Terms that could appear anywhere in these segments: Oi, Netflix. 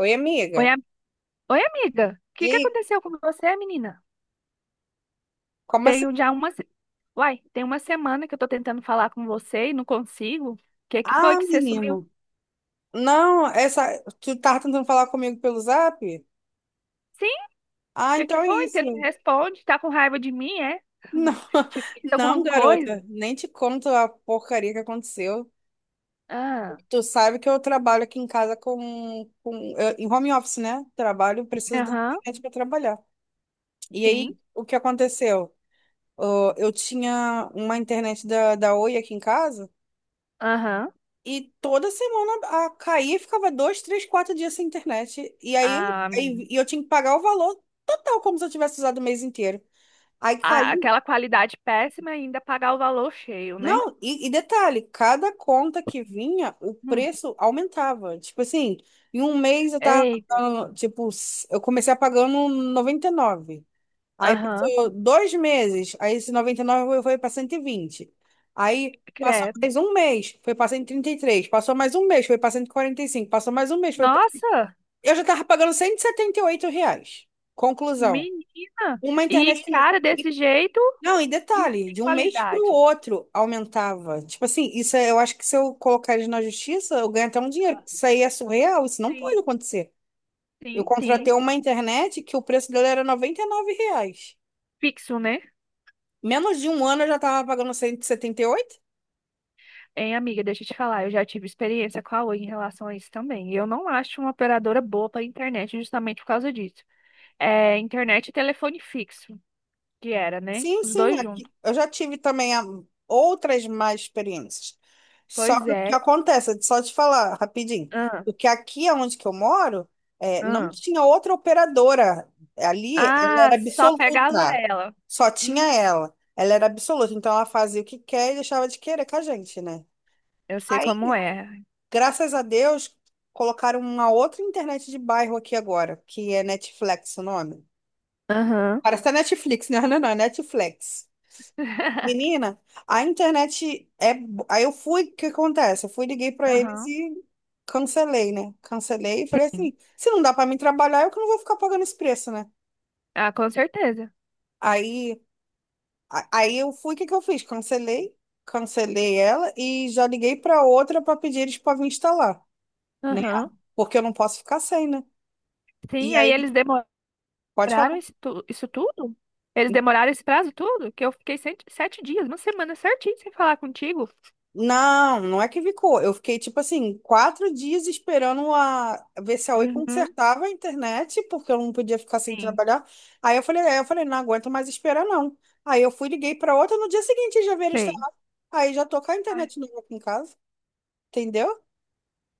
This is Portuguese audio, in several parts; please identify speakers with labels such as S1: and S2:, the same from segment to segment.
S1: Oi, amiga.
S2: Oi, Oi, amiga. O
S1: E
S2: que que
S1: aí,
S2: aconteceu com você, menina?
S1: como assim?
S2: Tenho já uma. Se- Uai, tem uma semana que eu tô tentando falar com você e não consigo. O que que foi
S1: Ah,
S2: que você sumiu?
S1: menino. Não, essa. Tu tava tentando falar comigo pelo zap?
S2: Sim, o
S1: Ah,
S2: que que
S1: então é
S2: foi? Você não me
S1: isso.
S2: responde? Tá com raiva de mim, é?
S1: Não,
S2: Te fiz
S1: não,
S2: alguma
S1: garota.
S2: coisa?
S1: Nem te conto a porcaria que aconteceu.
S2: Ah,
S1: Tu sabe que eu trabalho aqui em casa com em home office, né? Trabalho, preciso da
S2: aham,
S1: internet para trabalhar. E
S2: sim,
S1: aí, o que aconteceu? Ah, eu tinha uma internet da Oi aqui em casa.
S2: aham.
S1: E toda semana a caía e ficava 2, 3, 4 dias sem internet. E aí,
S2: Ah,
S1: e eu tinha que pagar o valor total, como se eu tivesse usado o mês inteiro. Aí caí.
S2: aquela qualidade péssima e ainda pagar o valor cheio, né?
S1: Não, e detalhe, cada conta que vinha, o
S2: Hum,
S1: preço aumentava. Tipo assim, em um mês eu tava
S2: eita,
S1: pagando, tipo, eu comecei a pagando 99. Aí
S2: aham,
S1: passou 2 meses, aí esse 99 foi para 120. Aí passou
S2: credo.
S1: mais um mês, foi para 133. Passou mais um mês, foi para 145. Passou mais um mês, foi.
S2: Nossa,
S1: Eu já tava pagando cento e setenta e oito reais. Conclusão.
S2: menina!
S1: Uma
S2: E
S1: internet que. Não,
S2: cara desse
S1: e-
S2: jeito.
S1: não, e
S2: E
S1: detalhe,
S2: tem
S1: de um mês para o
S2: qualidade.
S1: outro aumentava. Tipo assim, eu acho que se eu colocar eles na justiça, eu ganho até um dinheiro.
S2: Ah,
S1: Isso aí é surreal, isso não pode
S2: sim,
S1: acontecer. Eu
S2: sim,
S1: contratei
S2: sim.
S1: uma internet que o preço dela era R$99.
S2: Pixel, né?
S1: Menos de um ano eu já tava pagando cento e setenta e oito.
S2: Hein, amiga, deixa eu te falar, eu já tive experiência com a Oi em relação a isso também. Eu não acho uma operadora boa para internet justamente por causa disso. É internet e telefone fixo, que era, né?
S1: Sim,
S2: Os
S1: sim,
S2: dois
S1: aqui,
S2: juntos.
S1: eu já tive também outras más experiências. Só
S2: Pois
S1: que o que
S2: é.
S1: acontece, só te falar rapidinho,
S2: Ah,
S1: porque aqui onde que eu moro, é, não
S2: ah.
S1: tinha outra operadora. Ali ela
S2: Ah,
S1: era
S2: só pegava
S1: absoluta,
S2: ela.
S1: só tinha
S2: Hum,
S1: ela. Ela era absoluta, então ela fazia o que quer e deixava de querer com a gente, né?
S2: eu sei como
S1: Aí,
S2: é.
S1: graças a Deus, colocaram uma outra internet de bairro aqui agora, que é Netflix o nome.
S2: Aham.
S1: Parece a Netflix, né? Não, não, não, é Netflix. Menina, a internet é. Aí eu fui, o que acontece? Eu fui, liguei pra eles
S2: Aham.
S1: e cancelei, né? Cancelei e falei
S2: Sim.
S1: assim: se não dá pra mim trabalhar, eu que não vou ficar pagando esse preço, né?
S2: Ah, com certeza.
S1: Aí, aí eu fui, o que que eu fiz? Cancelei, cancelei ela e já liguei pra outra pra pedir eles pra vir instalar, né?
S2: Aham.
S1: Porque eu não posso ficar sem, né? E
S2: Sim, aí
S1: aí,
S2: eles demoraram.
S1: pode
S2: Demoraram
S1: falar.
S2: isso, isso tudo? Eles demoraram esse prazo tudo? Que eu fiquei sete, sete dias, uma semana certinho sem falar contigo.
S1: Não, não é que ficou. Eu fiquei, tipo assim, 4 dias esperando a ver se a Oi
S2: Uhum,
S1: consertava a internet, porque eu não podia ficar sem
S2: sim.
S1: trabalhar. Aí eu falei, não aguento mais esperar, não. Aí eu fui, liguei pra outra, no dia seguinte já veio
S2: Sei.
S1: instalar. Aí já tô com a
S2: Ai.
S1: internet nova aqui em casa, entendeu?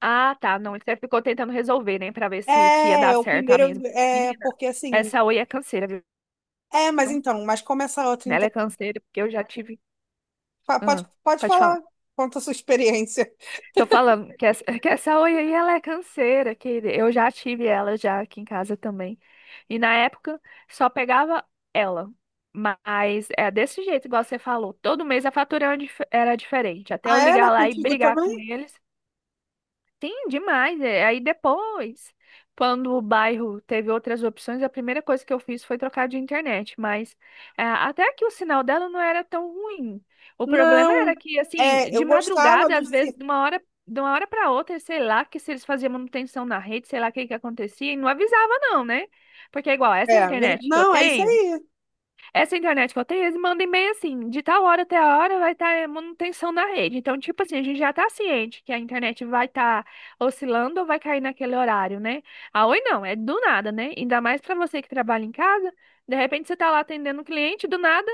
S2: Ah, tá. Não, você ficou tentando resolver, né? Pra ver se, se ia dar
S1: É, o
S2: certo, tá
S1: primeiro
S2: mesmo.
S1: é
S2: Menina,
S1: porque assim.
S2: essa Oi é canseira, viu?
S1: É, mas então, mas como essa outra
S2: Ela é
S1: internet.
S2: canseira, porque eu já tive.
S1: Pode,
S2: Ah,
S1: pode
S2: pode
S1: falar,
S2: falar.
S1: conta a sua experiência.
S2: Tô falando que essa Oi aí ela é canseira, que eu já tive ela já aqui em casa também. E na época só pegava ela. Mas é desse jeito, igual você falou. Todo mês a fatura era era diferente. Até eu
S1: Ah, era
S2: ligar lá e
S1: contigo
S2: brigar com
S1: também?
S2: eles. Sim, demais. É. Aí depois, quando o bairro teve outras opções, a primeira coisa que eu fiz foi trocar de internet. Mas é, até que o sinal dela não era tão ruim. O problema era
S1: Não.
S2: que, assim,
S1: É,
S2: de
S1: eu gostava
S2: madrugada,
S1: do
S2: às vezes, de uma hora para outra, sei lá, que se eles faziam manutenção na rede, sei lá o que que acontecia, e não avisava, não, né? Porque é igual, essa
S1: É,
S2: internet que eu
S1: não, é isso
S2: tenho.
S1: aí.
S2: Essa internet que eu tenho, eles mandam e-mail assim, de tal hora até a hora vai estar manutenção na rede. Então, tipo assim, a gente já está ciente que a internet vai estar oscilando ou vai cair naquele horário, né? A Oi não, é do nada, né? Ainda mais para você que trabalha em casa, de repente você tá lá atendendo um cliente, do nada,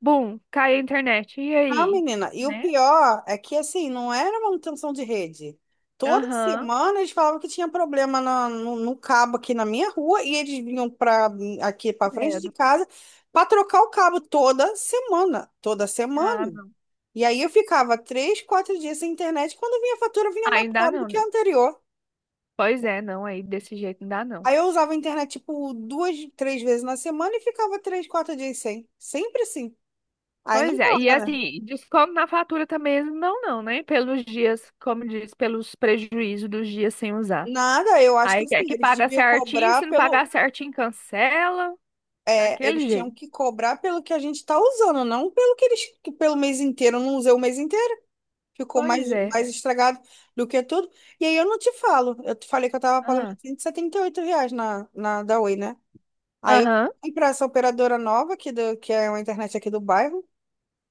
S2: bum, cai a internet. E
S1: Não,
S2: aí?
S1: menina. E o
S2: Né?
S1: pior é que, assim, não era manutenção de rede. Toda
S2: Aham,
S1: semana eles falavam que tinha problema no cabo aqui na minha rua e eles vinham para aqui para frente de
S2: credo.
S1: casa para trocar o cabo toda semana. Toda
S2: Ah,
S1: semana.
S2: não.
S1: E aí eu ficava 3, 4 dias sem internet. Quando vinha a fatura, vinha mais
S2: Ainda
S1: cara do
S2: não.
S1: que a
S2: Né?
S1: anterior.
S2: Pois é, não, aí desse jeito não dá não.
S1: Aí eu usava a internet, tipo, 2, 3 vezes na semana e ficava 3, 4 dias sem. Sempre assim. Aí não
S2: Pois é, e
S1: rola, né?
S2: assim, desconto na fatura também eles não dão, não, né? Pelos dias, como diz, pelos prejuízos dos dias sem usar.
S1: Nada, eu acho que
S2: Aí
S1: assim,
S2: quer que
S1: eles
S2: paga
S1: deviam
S2: certinho,
S1: cobrar
S2: se não
S1: pelo.
S2: pagar certinho, cancela,
S1: É,
S2: daquele
S1: eles
S2: jeito.
S1: tinham que cobrar pelo que a gente está usando, não pelo que eles, que pelo mês inteiro. Eu não usei o mês inteiro, ficou mais,
S2: Pois é.
S1: mais estragado do que tudo. E aí eu não te falo. Eu te falei que eu tava pagando
S2: Ah,
S1: R$178 na da Oi, né? Aí eu
S2: aham,
S1: fui pra essa operadora nova, que é uma internet aqui do bairro.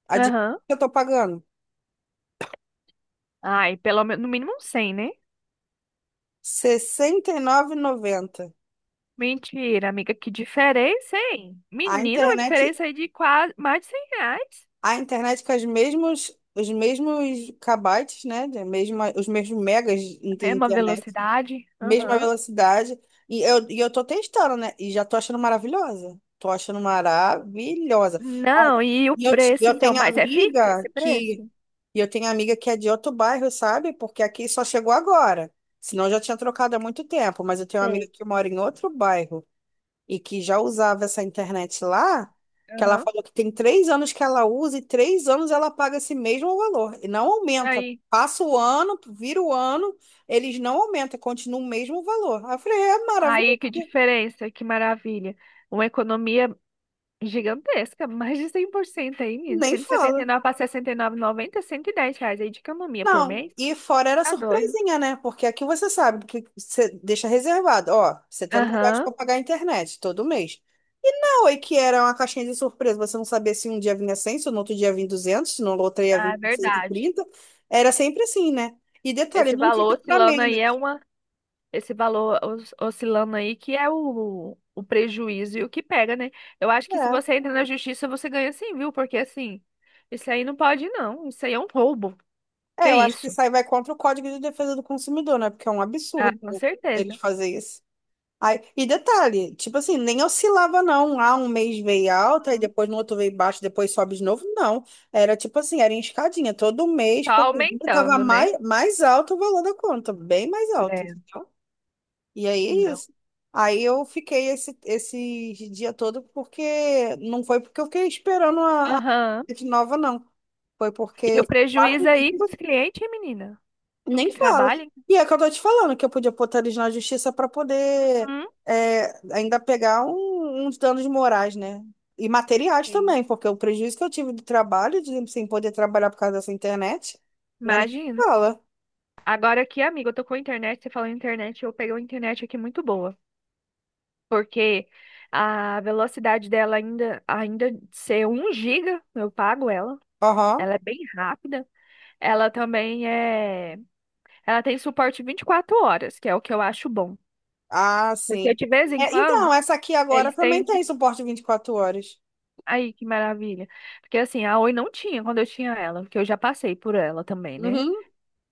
S1: Adivinha
S2: aham.
S1: o que eu tô pagando?
S2: Ai, pelo menos, no mínimo um 100, né?
S1: 69,90.
S2: Mentira, amiga, que diferença, hein?
S1: A
S2: Menina, uma
S1: internet,
S2: diferença aí de quase mais de R$ 100.
S1: a internet com os mesmos kbytes, né? Os mesmos megas de
S2: Mesma
S1: internet,
S2: velocidade.
S1: mesma
S2: Aham.
S1: velocidade. E eu tô testando, né? E já tô achando maravilhosa. Tô achando maravilhosa. Ó,
S2: Não, e o preço,
S1: Eu
S2: então,
S1: tenho
S2: mas é fixo esse
S1: amiga que.
S2: preço?
S1: E eu tenho amiga que é de outro bairro, sabe? Porque aqui só chegou agora. Senão eu já tinha trocado há muito tempo. Mas eu tenho uma
S2: Tem.
S1: amiga que mora em outro bairro e que já usava essa internet lá, que ela
S2: Aham.
S1: falou que tem 3 anos que ela usa e 3 anos ela paga esse mesmo valor e não aumenta.
S2: Aí.
S1: Passa o ano, vira o ano, eles não aumentam, continua o mesmo valor. Aí eu falei, é
S2: Aí,
S1: maravilhoso,
S2: que diferença, que maravilha. Uma economia gigantesca, mais de 100% aí, menino.
S1: nem
S2: Cento e setenta
S1: fala.
S2: e nove para sessenta e nove, e noventa, R$ 110 aí de camomia por
S1: Não,
S2: mês.
S1: e fora era
S2: Tá doido.
S1: surpresinha, né? Porque aqui você sabe que você deixa reservado, ó, R$70
S2: Aham,
S1: para pagar a internet todo mês. Foi que era uma caixinha de surpresa. Você não sabia se um dia vinha 100, se no outro dia vinha 200, se no outro dia vinha
S2: tá, é
S1: cento e
S2: verdade.
S1: trinta Era sempre assim, né? E detalhe,
S2: Esse
S1: nunca ia
S2: valor
S1: pra
S2: oscilando
S1: menos.
S2: aí é uma. Esse valor oscilando aí que é o prejuízo e o que pega, né? Eu acho que se
S1: É.
S2: você entra na justiça, você ganha sim, viu? Porque assim, isso aí não pode não. Isso aí é um roubo.
S1: É,
S2: Que
S1: eu acho que
S2: isso?
S1: isso aí vai contra o Código de Defesa do Consumidor, né? Porque é um
S2: Ah,
S1: absurdo
S2: com
S1: eles
S2: certeza.
S1: fazerem isso. Aí, e detalhe, tipo assim, nem oscilava não. Ah, um mês veio alta, e depois no outro veio baixo, depois sobe de novo. Não. Era tipo assim, era em escadinha. Todo mês,
S2: Tá
S1: quando vinha, tava
S2: aumentando, né?
S1: mais, mais alto o valor da conta, bem mais alto. E aí é
S2: Não.
S1: isso. Aí eu fiquei esse dia todo porque não foi porque eu fiquei esperando a,
S2: Aham.
S1: a de nova, não. Foi porque
S2: E
S1: eu
S2: o
S1: fiquei quatro
S2: prejuízo aí com os
S1: dias.
S2: clientes, hein, menina? Tu
S1: Nem
S2: que
S1: fala.
S2: trabalha?
S1: E é que eu tô te falando que eu podia botar eles na justiça para poder
S2: Hum?
S1: ainda pegar uns danos morais, né? E materiais
S2: Sim.
S1: também, porque o prejuízo que eu tive do trabalho, de sem poder trabalhar por causa dessa internet, não é nem que
S2: Imagina.
S1: fala.
S2: Agora aqui, amiga, eu tô com a internet, você falou em internet, eu peguei uma internet aqui muito boa, porque a velocidade dela ainda ser um giga, eu pago ela.
S1: Aham.
S2: Ela é bem rápida. Ela também é, ela tem suporte 24 horas, que é o que eu acho bom,
S1: Ah,
S2: porque
S1: sim.
S2: de vez em
S1: É,
S2: quando
S1: então, essa aqui agora
S2: eles
S1: também
S2: têm.
S1: tem suporte 24 horas.
S2: Aí, que maravilha. Porque assim, a Oi não tinha quando eu tinha ela, porque eu já passei por ela também, né?
S1: Uhum.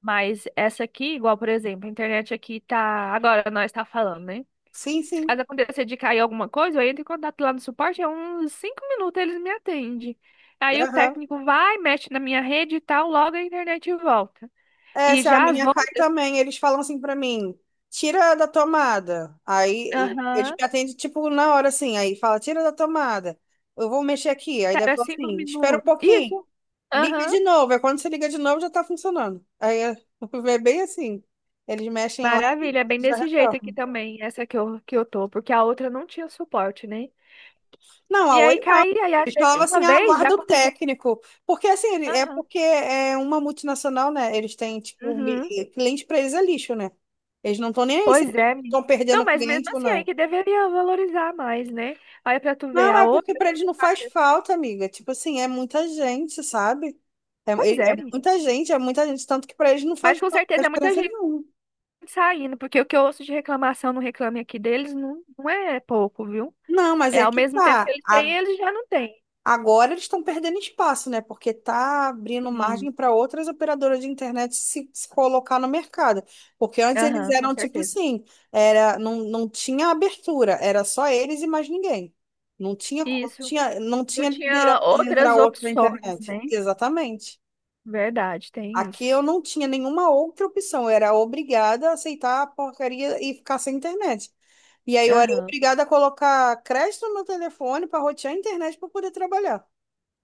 S2: Mas essa aqui, igual, por exemplo, a internet aqui tá. Agora nós tá falando, né?
S1: Sim,
S2: Se
S1: sim.
S2: caso acontecer de cair alguma coisa, eu entro em contato lá no suporte, é uns 5 minutos eles me atendem. Aí o
S1: Aham.
S2: técnico vai, mexe na minha rede e tal, logo a internet volta.
S1: É,
S2: E
S1: se a
S2: já as
S1: minha cai
S2: outras,
S1: também, eles falam assim pra mim, tira da tomada. Aí eles
S2: aham,
S1: me atendem, tipo, na hora assim, aí fala, tira da tomada. Eu vou mexer aqui. Aí deve
S2: era
S1: falar
S2: cinco
S1: assim, espera um
S2: minutos.
S1: pouquinho,
S2: Isso,
S1: liga
S2: aham.
S1: de novo. Aí quando você liga de novo, já tá funcionando. Aí é é bem assim. Eles mexem lá
S2: Maravilha, é bem
S1: e já
S2: desse jeito aqui
S1: retornam.
S2: também, essa que eu tô, porque a outra não tinha suporte, né?
S1: Não, a
S2: E
S1: Oi.
S2: aí caía, e às
S1: Eles
S2: vezes,
S1: falavam assim,
S2: uma
S1: ah,
S2: vez já
S1: guarda o
S2: aconteceu.
S1: técnico. Porque assim, é
S2: Aham.
S1: porque é uma multinacional, né? Eles têm, tipo,
S2: Uhum.
S1: cliente pra eles é lixo, né? Eles não estão nem aí se
S2: Pois é, menina.
S1: estão
S2: Não,
S1: perdendo
S2: mas
S1: cliente
S2: mesmo
S1: ou
S2: assim, aí
S1: não.
S2: que deveria valorizar mais, né? Aí pra tu ver
S1: Não,
S2: a
S1: é
S2: outra.
S1: porque pra eles não faz falta, amiga. Tipo assim, é muita gente, sabe?
S2: Pois
S1: É, é
S2: é, menina.
S1: muita gente, é muita gente. Tanto que pra eles não
S2: Mas
S1: faz
S2: com
S1: falta, não
S2: certeza
S1: faz
S2: é muita
S1: diferença
S2: gente
S1: nenhuma.
S2: saindo, porque o que eu ouço de reclamação no Reclame Aqui deles não, não é pouco, viu?
S1: Não, mas
S2: É
S1: é
S2: ao
S1: que
S2: mesmo tempo que
S1: tá.
S2: eles têm,
S1: a
S2: eles já não têm.
S1: Agora eles estão perdendo espaço, né? Porque está abrindo
S2: Sim.
S1: margem para outras operadoras de internet se colocar no mercado. Porque antes eles
S2: Aham, com
S1: eram tipo
S2: certeza.
S1: assim, era, não, não tinha abertura, era só eles e mais ninguém. Não tinha,
S2: Isso.
S1: tinha, não
S2: Eu
S1: tinha liderança
S2: tinha
S1: de entrar
S2: outras
S1: outro na
S2: opções,
S1: internet.
S2: né?
S1: Exatamente.
S2: Verdade, tem
S1: Aqui
S2: isso.
S1: eu não tinha nenhuma outra opção, eu era obrigada a aceitar a porcaria e ficar sem internet. E aí eu era
S2: Aham.
S1: obrigada a colocar crédito no meu telefone para rotear a internet para poder trabalhar.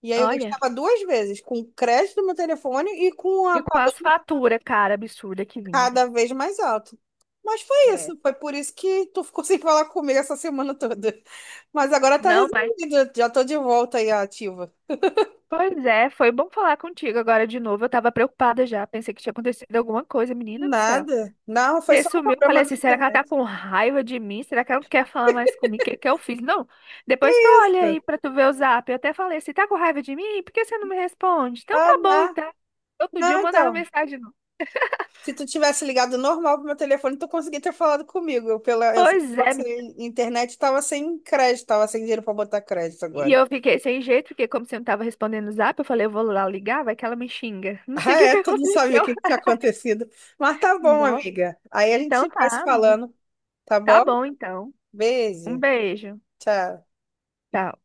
S1: E aí eu
S2: Olha.
S1: gastava duas vezes, com o crédito do meu telefone e com a
S2: De quase
S1: pagando
S2: fatura, cara, absurda que vinha.
S1: cada vez mais alto. Mas foi
S2: É.
S1: isso, foi por isso que tu ficou sem falar comigo essa semana toda. Mas agora tá
S2: Não, mas.
S1: resolvido, já tô de volta aí à ativa.
S2: Pois é, foi bom falar contigo agora de novo. Eu tava preocupada já. Pensei que tinha acontecido alguma coisa, menina do céu.
S1: Nada. Não, foi
S2: Você
S1: só um
S2: sumiu, eu falei
S1: problema da
S2: assim: será que ela tá
S1: internet.
S2: com raiva de mim? Será que ela não quer falar mais comigo? O que que eu fiz? Não. Depois tu olha aí pra tu ver o zap. Eu até falei assim: tá com raiva de mim? Por que você não me responde? Então
S1: Ah,
S2: tá bom,
S1: não.
S2: então. Outro dia
S1: Não,
S2: eu mandava
S1: então.
S2: mensagem. Não.
S1: Se tu tivesse ligado normal pro meu telefone, tu conseguia ter falado comigo. Eu, pela, eu,
S2: Pois
S1: pela
S2: é, menina.
S1: internet tava sem crédito, tava sem dinheiro pra botar crédito
S2: E
S1: agora.
S2: eu fiquei sem jeito, porque como você não tava respondendo o zap, eu falei: eu vou lá ligar, vai que ela me xinga. Não sei
S1: Ah,
S2: o que que
S1: é, tu não sabia o
S2: aconteceu.
S1: que que tinha acontecido. Mas tá bom,
S2: Nossa.
S1: amiga. Aí a
S2: Então
S1: gente vai se
S2: tá, amiga.
S1: falando, tá
S2: Tá
S1: bom?
S2: bom, então. Um
S1: Beijo,
S2: beijo.
S1: tchau.
S2: Tchau.